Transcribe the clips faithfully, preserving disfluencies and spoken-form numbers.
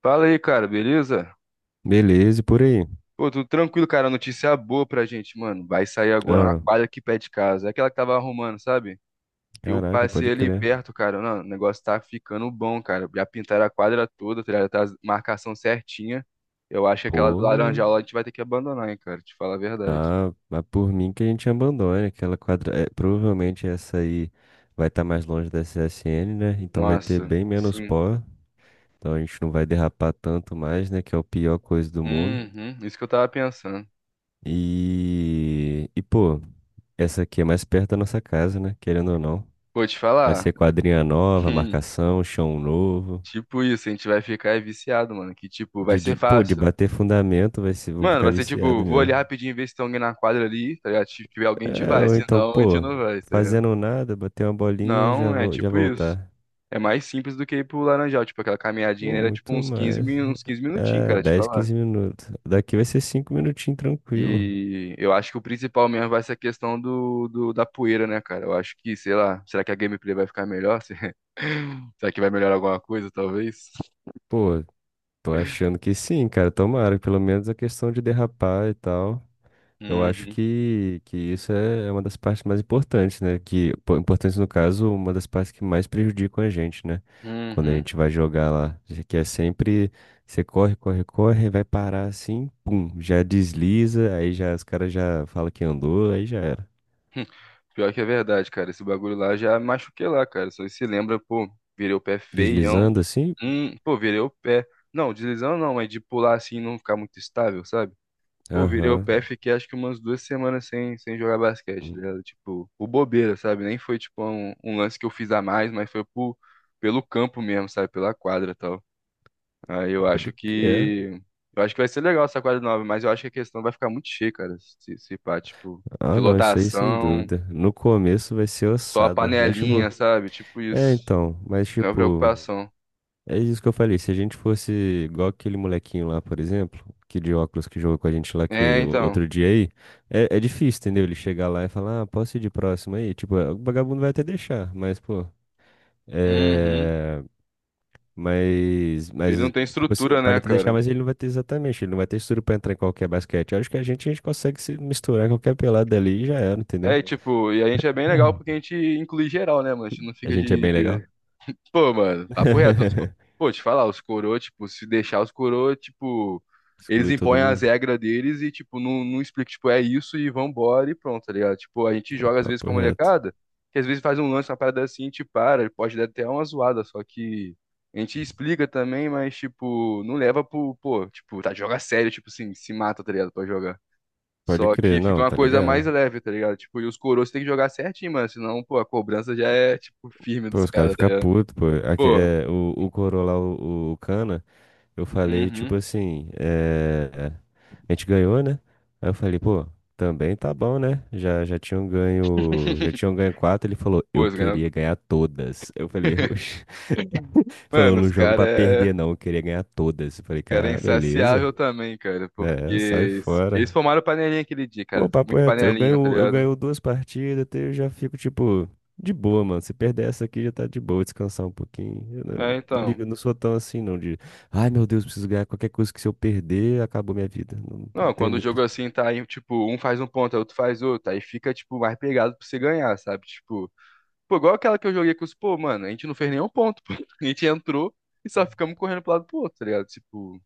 Fala aí, cara, beleza? Beleza, e por aí? Pô, tudo tranquilo, cara. Notícia boa pra gente, mano. Vai sair agora uma Ah, quadra aqui perto de casa. É aquela que tava arrumando, sabe? Eu caraca, passei pode ali crer. perto, cara. Não, o negócio tá ficando bom, cara. Já pintaram a quadra toda, tá ligado? Tá a marcação certinha. Eu acho que aquela do Pô, Laranjal lá a gente vai ter que abandonar, hein, cara. Te falar a verdade. ah, mas por mim que a gente abandone aquela quadra. É, provavelmente essa aí vai estar mais longe da C S N, né? Então vai ter Nossa, bem menos sim. pó. Então a gente não vai derrapar tanto mais, né? Que é a pior coisa do mundo. Uhum, isso que eu tava pensando. E, e pô, essa aqui é mais perto da nossa casa, né? Querendo ou não. Pô, te Vai falar. ser quadrinha nova, marcação, chão novo. Tipo isso, a gente vai ficar viciado, mano. Que tipo, vai De, ser de, pô, de fácil. bater fundamento, vai ser, vou Mano, ficar vai ser tipo, viciado vou ali mesmo. rapidinho ver se tem alguém na quadra ali, tá ligado? Se tiver alguém, a gente É, vai. ou Se então, não, a gente pô, não vai, tá ligado? fazendo nada, bater uma bolinha, já Não, é vou, já tipo isso. voltar. É mais simples do que ir pro Laranjal, tipo, aquela caminhadinha, né, Pô, era tipo muito uns quinze mais. min- uns quinze minutinhos, É, cara, te dez, falar. quinze minutos. Daqui vai ser cinco minutinhos tranquilo. E eu acho que o principal mesmo vai ser a questão do, do- da poeira, né, cara? Eu acho que, sei lá, será que a gameplay vai ficar melhor? Será que vai melhorar alguma coisa, talvez? Pô, tô achando que sim, cara. Tomara, pelo menos a questão de derrapar e tal. Eu acho Uhum, que, que isso é é uma das partes mais importantes, né? Que, pô, importante no caso, uma das partes que mais prejudicam a gente, né? Quando a uhum. gente vai jogar lá, que é sempre, você corre, corre, corre, vai parar assim, pum, já desliza, aí já os caras já falam que andou, aí já era. Hum, Pior que é verdade, cara. Esse bagulho lá já me machuquei lá, cara. Só se lembra, pô, virei o pé feião. Deslizando assim? Hum, pô, virei o pé. Não, deslizando não, mas de pular assim e não ficar muito estável, sabe? Pô, virei o Aham. pé, fiquei acho que umas duas semanas sem, sem jogar basquete, tá Hum. ligado? Tipo, por bobeira, sabe? Nem foi tipo um, um lance que eu fiz a mais, mas foi por, pelo campo mesmo, sabe? Pela quadra e tal. Aí eu Pode acho crer. que. Eu acho que vai ser legal essa quadra nova, mas eu acho que a questão vai ficar muito cheia, cara. Se, se pá, tipo, de Ah, não, isso aí sem lotação. dúvida. No começo vai ser Só a ossada, mas tipo, panelinha, sabe? Tipo é isso. então, mas Então é uma tipo. preocupação. É isso que eu falei. Se a gente fosse igual aquele molequinho lá, por exemplo, que de óculos que jogou com a gente lá É, que o- então. outro dia aí, é, é difícil, entendeu? Ele chegar lá e falar, ah, posso ir de próximo aí? Tipo, o vagabundo vai até deixar, mas, pô, Uhum. é. Mas, Ele não mas, tem tipo assim, estrutura, pode né, até deixar, cara? mas ele não vai ter exatamente, ele não vai ter estrutura pra entrar em qualquer basquete. Eu acho que a gente, a gente consegue se misturar em qualquer pelada ali e já era, É, entendeu? e, tipo, e a gente é bem legal porque a gente inclui geral, né, mano? A gente não A fica gente é de, bem legal. de Pô, mano, papo reto. Os... co- Pô, te falar, os coroa, tipo, se deixar os coroa, tipo, eles Exclui todo impõem as mundo. regras deles e, tipo, não, não explica, tipo, é isso e vambora e pronto, tá ligado? Tipo, a gente É joga às vezes com papo a reto. molecada, que às vezes faz um lance, uma parada assim, e te para, pode dar até uma zoada, só que a gente explica também, mas, tipo, não leva pro, pô, tipo, tá, joga sério, tipo assim, se mata, tá ligado, pra jogar. Pode Só que crer, fica não, uma tá coisa ligado? mais leve, tá ligado? Tipo, e os coroas tem que jogar certinho, mano, senão, pô, a cobrança já é, tipo, firme Pô, dos os caras caras, tá ficam ligado? putos, pô. Aqui, Pô, é, o, o Corolla, o, o Cana, eu falei, tipo uhum. assim, é, a gente ganhou, né? Aí eu falei, pô, também tá bom, né? Já, já tinham ganho, já tinham ganho quatro, ele falou, Pô, eu os caras, queria ganhar todas. Eu falei, oxe. Falou, mano, os não jogo caras pra é... perder, não, eu queria ganhar todas. Eu os falei, cara é cara, beleza. insaciável também, cara, porque É, sai eles fora. eles formaram panelinha aquele dia, Pô, cara. papo Muito reto, eu panelinha, tá ganho, eu ligado? ganho duas partidas, até eu já fico, tipo, de boa, mano. Se perder essa aqui, já tá de boa, descansar um pouquinho. Eu não, É, não então. ligo, não sou tão assim, não, de, ai, meu Deus, preciso ganhar qualquer coisa que se eu perder, acabou minha vida. Não, não Não, tem quando o muito... jogo isso. assim tá aí, tipo, um faz um ponto, aí outro faz outro, aí fica, tipo, mais pegado pra você ganhar, sabe? Tipo, pô, igual aquela que eu joguei com os, pô, mano, a gente não fez nenhum ponto, pô. A gente entrou e só ficamos correndo pro lado pro outro, tá ligado? Tipo,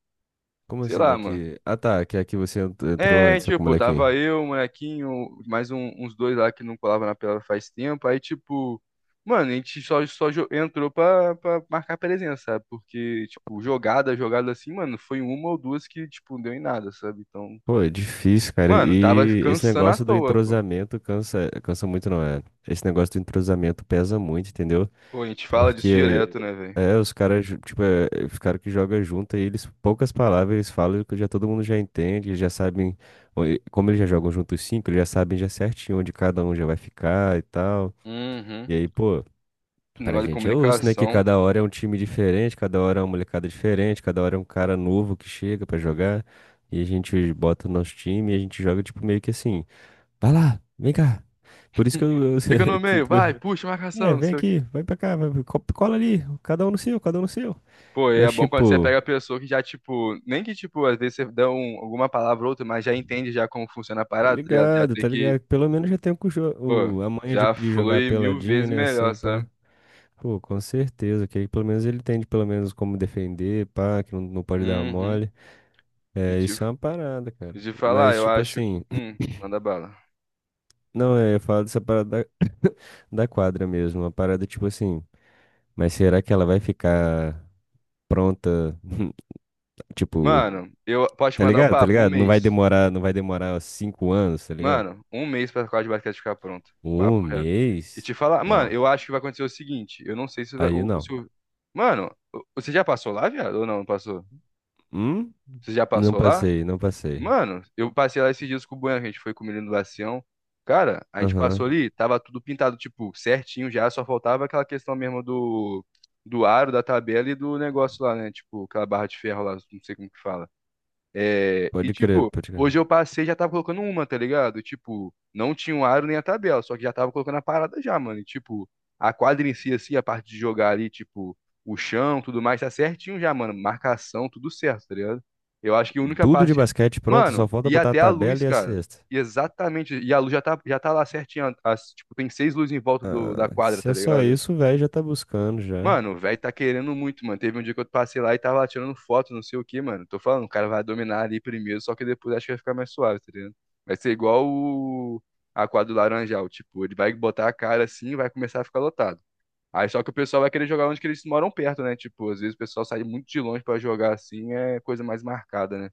Como sei assim, lá, mano. daqui? Ah, tá, que aqui você ent- entrou É, antes, com o tipo, molequinho. tava eu, o molequinho, mais um- uns dois lá que não colava na pelada faz tempo. Aí, tipo, mano, a gente só, só jo- entrou pra, pra marcar presença, sabe? Porque, tipo, jogada, jogada assim, mano, foi uma ou duas que, tipo, não deu em nada, sabe? Então, Pô, é difícil, cara. mano, tava E esse cansando à negócio do toa, pô. entrosamento cansa, cansa muito, não é? Esse negócio do entrosamento pesa muito, entendeu? Pô, a gente fala disso Porque direto, né, velho? é, os caras, ju- tipo, é, é, os caras que jogam junto, aí eles, poucas palavras, eles falam que já todo mundo já entende, eles já sabem, o- e- como eles já jogam juntos cinco, eles já sabem já certinho onde cada um já vai ficar e tal. Uhum. E aí, pô, pra Negócio de gente é osso, né? Que comunicação. cada hora é um time diferente, cada hora é uma molecada diferente, cada hora é um cara novo que chega pra jogar. E a gente bota o nosso time e a gente joga, tipo, meio que assim, vai lá, vem cá. Por isso que eu, eu Fica no meio, sinto. vai, puxa, É, marcação, não vem sei o aqui, vai pra cá, vai, co- cola ali, cada um no seu, cada um no seu. Pô, e é Mas, bom quando você tipo, pega a pessoa que já, tipo, nem que, tipo, às vezes você dá um, alguma palavra ou outra, mas já entende já como funciona a tá parada, tá ligado? Já ligado, tem tá que, ligado? Pelo menos já tem o, cujo- pô, o- a manha de, já de jogar flui mil peladinha, vezes né, melhor, assim, pá. sabe? Pô, com certeza, que aí pelo menos ele tem de pelo menos como defender, pá, que não, não pode dar Uhum. mole. E É, te, isso é uma parada, cara. e te falar, Mas, eu tipo acho que. assim, Hum, manda bala. não, é, eu falo dessa parada da, da quadra mesmo, uma parada, tipo assim, mas será que ela vai ficar pronta, tipo, Mano, eu posso te tá mandar o ligado? Tá papo? Um ligado? Não vai mês. demorar, não vai demorar cinco anos, tá ligado? Mano, um mês pra quadra de basquete ficar pronto. Um Papo reto. E te mês? falar, mano, Não. eu acho que vai acontecer o seguinte, eu não sei se vai. Aí o- não. se o- mano, o- você já passou lá, viado? Ou não, não passou? Hum? Você já Não passou lá? passei, não passei. Mano, eu passei lá esses dias com o Bueno, que a gente foi com o menino do Lacião. Cara, a gente passou uhum. Aham. ali, tava tudo pintado, tipo, certinho já, só faltava aquela questão mesmo do, do aro, da tabela e do negócio lá, né? Tipo, aquela barra de ferro lá, não sei como que fala. É, e Pode crer, tipo, pode crer. hoje eu passei e já tava colocando uma, tá ligado? Tipo, não tinha o aro nem a tabela, só que já tava colocando a parada já, mano. E tipo, a quadra em si, assim, a parte de jogar ali, tipo, o chão, tudo mais, tá certinho já, mano. Marcação, tudo certo, tá ligado? Eu acho que a única Tudo de parte que... eu- basquete pronto, Mano, só falta e botar a até a tabela luz, e a cara. cesta. E exatamente. E a luz já tá, já tá lá certinha. As, tipo, tem seis luzes em volta do, da quadra, Se tá é só ligado? isso, o velho já tá buscando já. Mano, o velho tá querendo muito, mano. Teve um dia que eu passei lá e tava lá tirando foto, não sei o que, mano. Tô falando, o cara vai dominar ali primeiro, só que depois acho que vai ficar mais suave, tá ligado? Vai ser igual o... a quadra do Laranjal, tipo, ele vai botar a cara assim e vai começar a ficar lotado. Aí só que o pessoal vai querer jogar onde que eles moram perto, né? Tipo, às vezes o pessoal sai muito de longe pra jogar assim, é coisa mais marcada, né?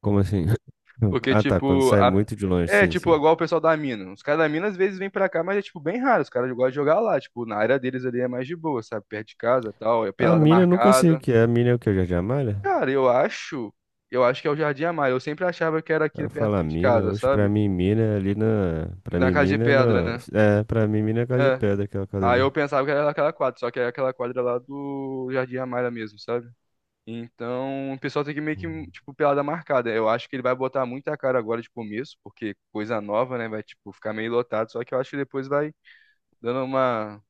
Como assim? Porque, caramba, Ah, tá. Quando tipo, sai caramba, a... velho. muito de longe, É, sim, tipo, sim. igual o pessoal da mina. Os caras da mina às vezes vêm pra cá, mas é, tipo, bem raro. Os caras gostam de jogar lá. Tipo, na área deles ali é mais de boa, sabe? Perto de casa tal, é A pelada uhum. mina eu nunca sei o marcada. que é. A mina é o que? O Jardim Amália? Cara, eu acho. Eu acho que é o Jardim Amaro. Eu sempre achava que era aqui Ela perto fala aqui de mina. casa, Hoje pra sabe? mim, mina é ali na. Pra Na mim, casa de mina é no. pedra, né? É, pra mim, mina é a casa de É. pedra, aquela casa Aí ali. eu pensava que era aquela quadra, só que é aquela quadra lá do Jardim Amaro mesmo, sabe? Então, o pessoal tem que meio que, Hum. tipo, pelada marcada. Eu acho que ele vai botar muita cara agora de começo, porque coisa nova, né? Vai, tipo, ficar meio lotado. Só que eu acho que depois vai dando uma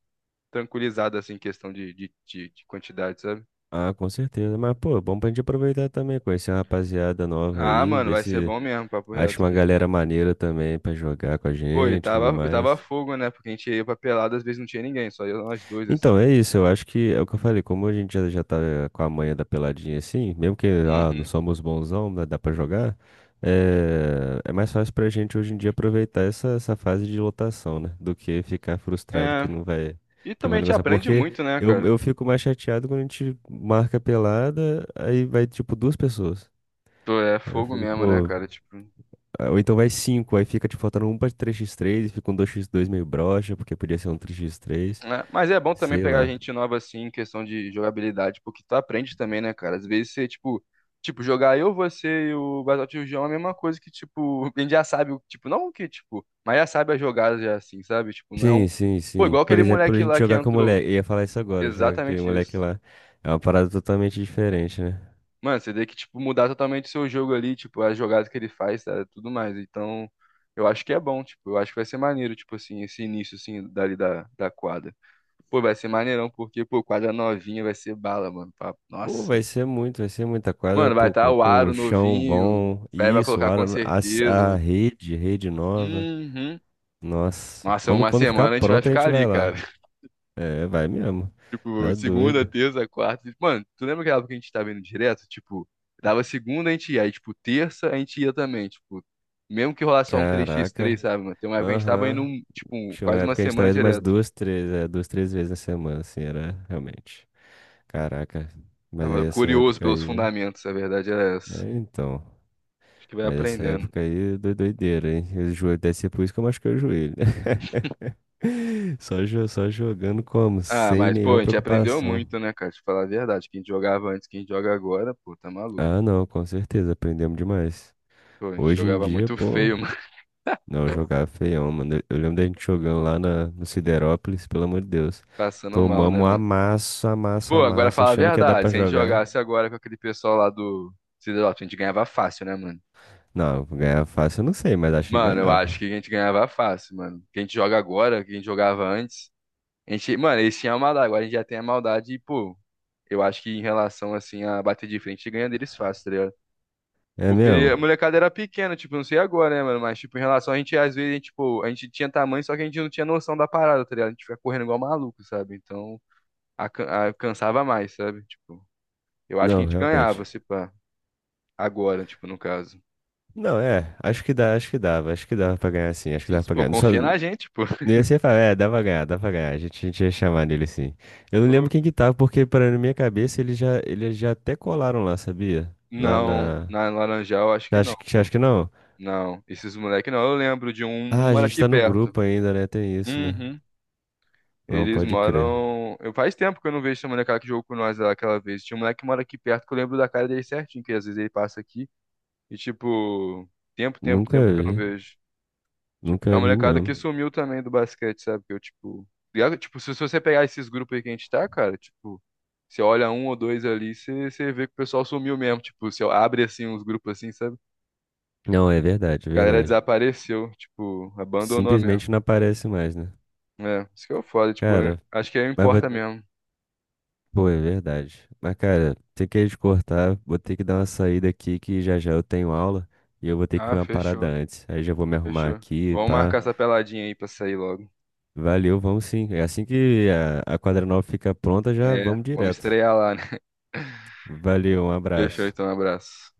tranquilizada, assim, em questão de, de, de, de quantidade, sabe? Ah, com certeza. Mas, pô, é bom pra gente aproveitar também, conhecer uma rapaziada nova Ah, aí, mano, ver vai ser se bom mesmo, papo reto acha uma aqui. galera maneira também pra jogar com a Pô, e gente e tudo tava, e tava mais. fogo, né? Porque a gente ia pra pelada, às vezes não tinha ninguém, só ia nós dois, assim. Então, é isso, eu acho que é o que eu falei, como a gente já, já tá eh, com a manha da peladinha assim, mesmo que ah, não Uhum. somos bonzão, né, dá pra jogar, é, é mais fácil pra gente hoje em dia aproveitar essa, essa fase de lotação, né? Do que ficar frustrado que É, não vai, e que também vai a gente negociar. aprende Porque muito, né, eu, cara? eu fico mais chateado quando a gente marca pelada, aí vai tipo duas pessoas. Pô, é Aí eu fogo fico, mesmo, né, pô, cara? Tipo. ah, ou então vai cinco, aí fica te faltando um pra três x três e fica um dois x dois meio broxa, porque podia ser um três x três, Né? Mas é bom também sei pegar lá. gente nova assim em questão de jogabilidade, porque tu aprende também, né, cara? Às vezes você, tipo, tipo, jogar eu, você e o Battlefield João é a mesma coisa que, tipo, a gente já sabe, o- tipo, não que, tipo, mas já sabe as jogadas já assim, sabe? Tipo, Sim, não. sim, Pô, sim. igual Por aquele exemplo, a moleque gente lá que jogar com o entrou. moleque. Eu ia falar isso agora, jogar com aquele Exatamente moleque isso. lá. É uma parada totalmente diferente, né? Mano, você tem que, tipo, mudar totalmente o seu jogo ali, tipo, as jogadas que ele faz, tá? Tudo mais. Então, eu acho que é bom, tipo, eu acho que vai ser maneiro, tipo assim, esse início, assim, dali da, da quadra. Pô, vai ser maneirão, porque, pô, quadra novinha vai ser bala, mano. Pá, Pô, nossa. vai ser muito, vai ser muita quadra, Mano, vai pô, estar com, o com aro um chão novinho, o bom. Fred vai Isso, colocar a, com a, s- a certeza. rede, rede nova. Uhum. Nossa, Nossa, quando, uma quando ficar semana a gente vai pronta a ficar gente ali, vai lá. cara. É, vai mesmo. Tipo, Tá segunda, doido. terça, quarta. Mano, tu lembra aquela época que a gente tava indo direto? Tipo, dava segunda, a gente ia. Aí, tipo, terça, a gente ia também. Tipo, mesmo que rolasse só um três x três, Caraca. sabe, mano? Tem uma época que a gente tava indo, Aham. um, tipo, um- Tinha uma quase uma época que a gente semana tava indo umas direto. duas, três, é, duas, três vezes na semana, assim, era realmente. Caraca. Mas Tava aí essa curioso época pelos aí. fundamentos, a verdade era essa. É, então. Acho que vai Mas essa aprendendo. época aí doi- doideira, hein? O joelho deve ser por isso que eu machuquei o joelho, né? Só, jo- só jogando como? Ah, Sem mas, pô, a nenhuma gente aprendeu preocupação. muito, né, cara? Te falar a verdade. Quem jogava antes, quem joga agora, pô, tá maluco. Ah, não, com certeza, aprendemos demais. Pô, a gente Hoje em jogava dia, muito pô, feio, mano. não, jogava feião, mano. Eu eu lembro da gente jogando lá na, no Siderópolis, pelo amor de Deus. Passando mal, Tomamos né, um mano? amasso, amasso, Pô, agora amasso, fala a achando que ia dar verdade. pra Se a gente jogar. jogasse agora com aquele pessoal lá do Cidadop, a gente ganhava fácil, né, mano? Não, ganhava fácil, eu não sei, mas acho que Mano, eu acho ganhava. que a gente ganhava fácil, mano. Que a gente joga agora, que a gente jogava antes. A gente, mano, eles tinham a maldade, agora a gente já tem a maldade e, pô, eu acho que em relação, assim, a bater de frente, a gente ganha deles fácil, tá ligado? É Porque ele- a mesmo? molecada era pequena, tipo, não sei agora, né, mano? Mas, tipo, em relação a gente, às vezes, a gente, tipo, a gente tinha tamanho, só que a gente não tinha noção da parada, tá ligado? A gente fica correndo igual maluco, sabe? Então, a, a- cansava mais, sabe? Tipo, eu acho que a Não, gente realmente. ganhava, se pá. Agora, tipo, no caso. Não, é, acho que dá, acho que dava, acho que dava pra ganhar sim, acho que dava Isso, pra pô, ganhar. Só, confia não na gente, pô. ia ser falar, é, dava pra ganhar, dava pra ganhar, a gente, a gente ia chamar nele sim. Eu não Pô, lembro quem que tava, porque para na minha cabeça eles já, eles já até colaram lá, sabia? Lá não, na... na Laranjal acho que não, Acho que, pô. acho que não. Não, esses moleques não. Eu lembro de um, Ah, um a mora gente aqui tá no perto. grupo ainda, né, tem isso, né? Uhum. Não, Eles pode crer. moram. Eu faz tempo que eu não vejo esse molecada que jogou com nós lá aquela vez. Tinha um moleque que mora aqui perto que eu lembro da cara dele certinho, que às vezes ele passa aqui. E tipo, tempo, tempo, Nunca tempo que eu não vi, vejo. Tipo, tem nunca uma vi molecada que mesmo. sumiu também do basquete, sabe? Que eu, tipo. Ligado? Tipo, se se você pegar esses grupos aí que a gente tá, cara, tipo, você olha um ou dois ali, você, você vê que o pessoal sumiu mesmo. Tipo, você abre assim uns grupos assim, sabe? Não, é verdade, é A galera verdade. desapareceu, tipo, abandonou mesmo. Simplesmente não aparece mais, né? É, isso que é o foda, tipo, eu- Cara, acho que aí mas importa mesmo. pô, é verdade. Mas, cara, tem que te cortar. Vou ter que dar uma saída aqui que já já eu tenho aula e eu vou ter que Ah, comer uma parada fechou, antes. Aí já vou me arrumar fechou. aqui, Vamos pá. marcar essa peladinha aí pra sair logo. Valeu, vamos sim. É assim que a, a quadra nova fica pronta, já É, vamos vamos direto. estrear lá, né? Valeu, um Fechou, abraço. então, um abraço.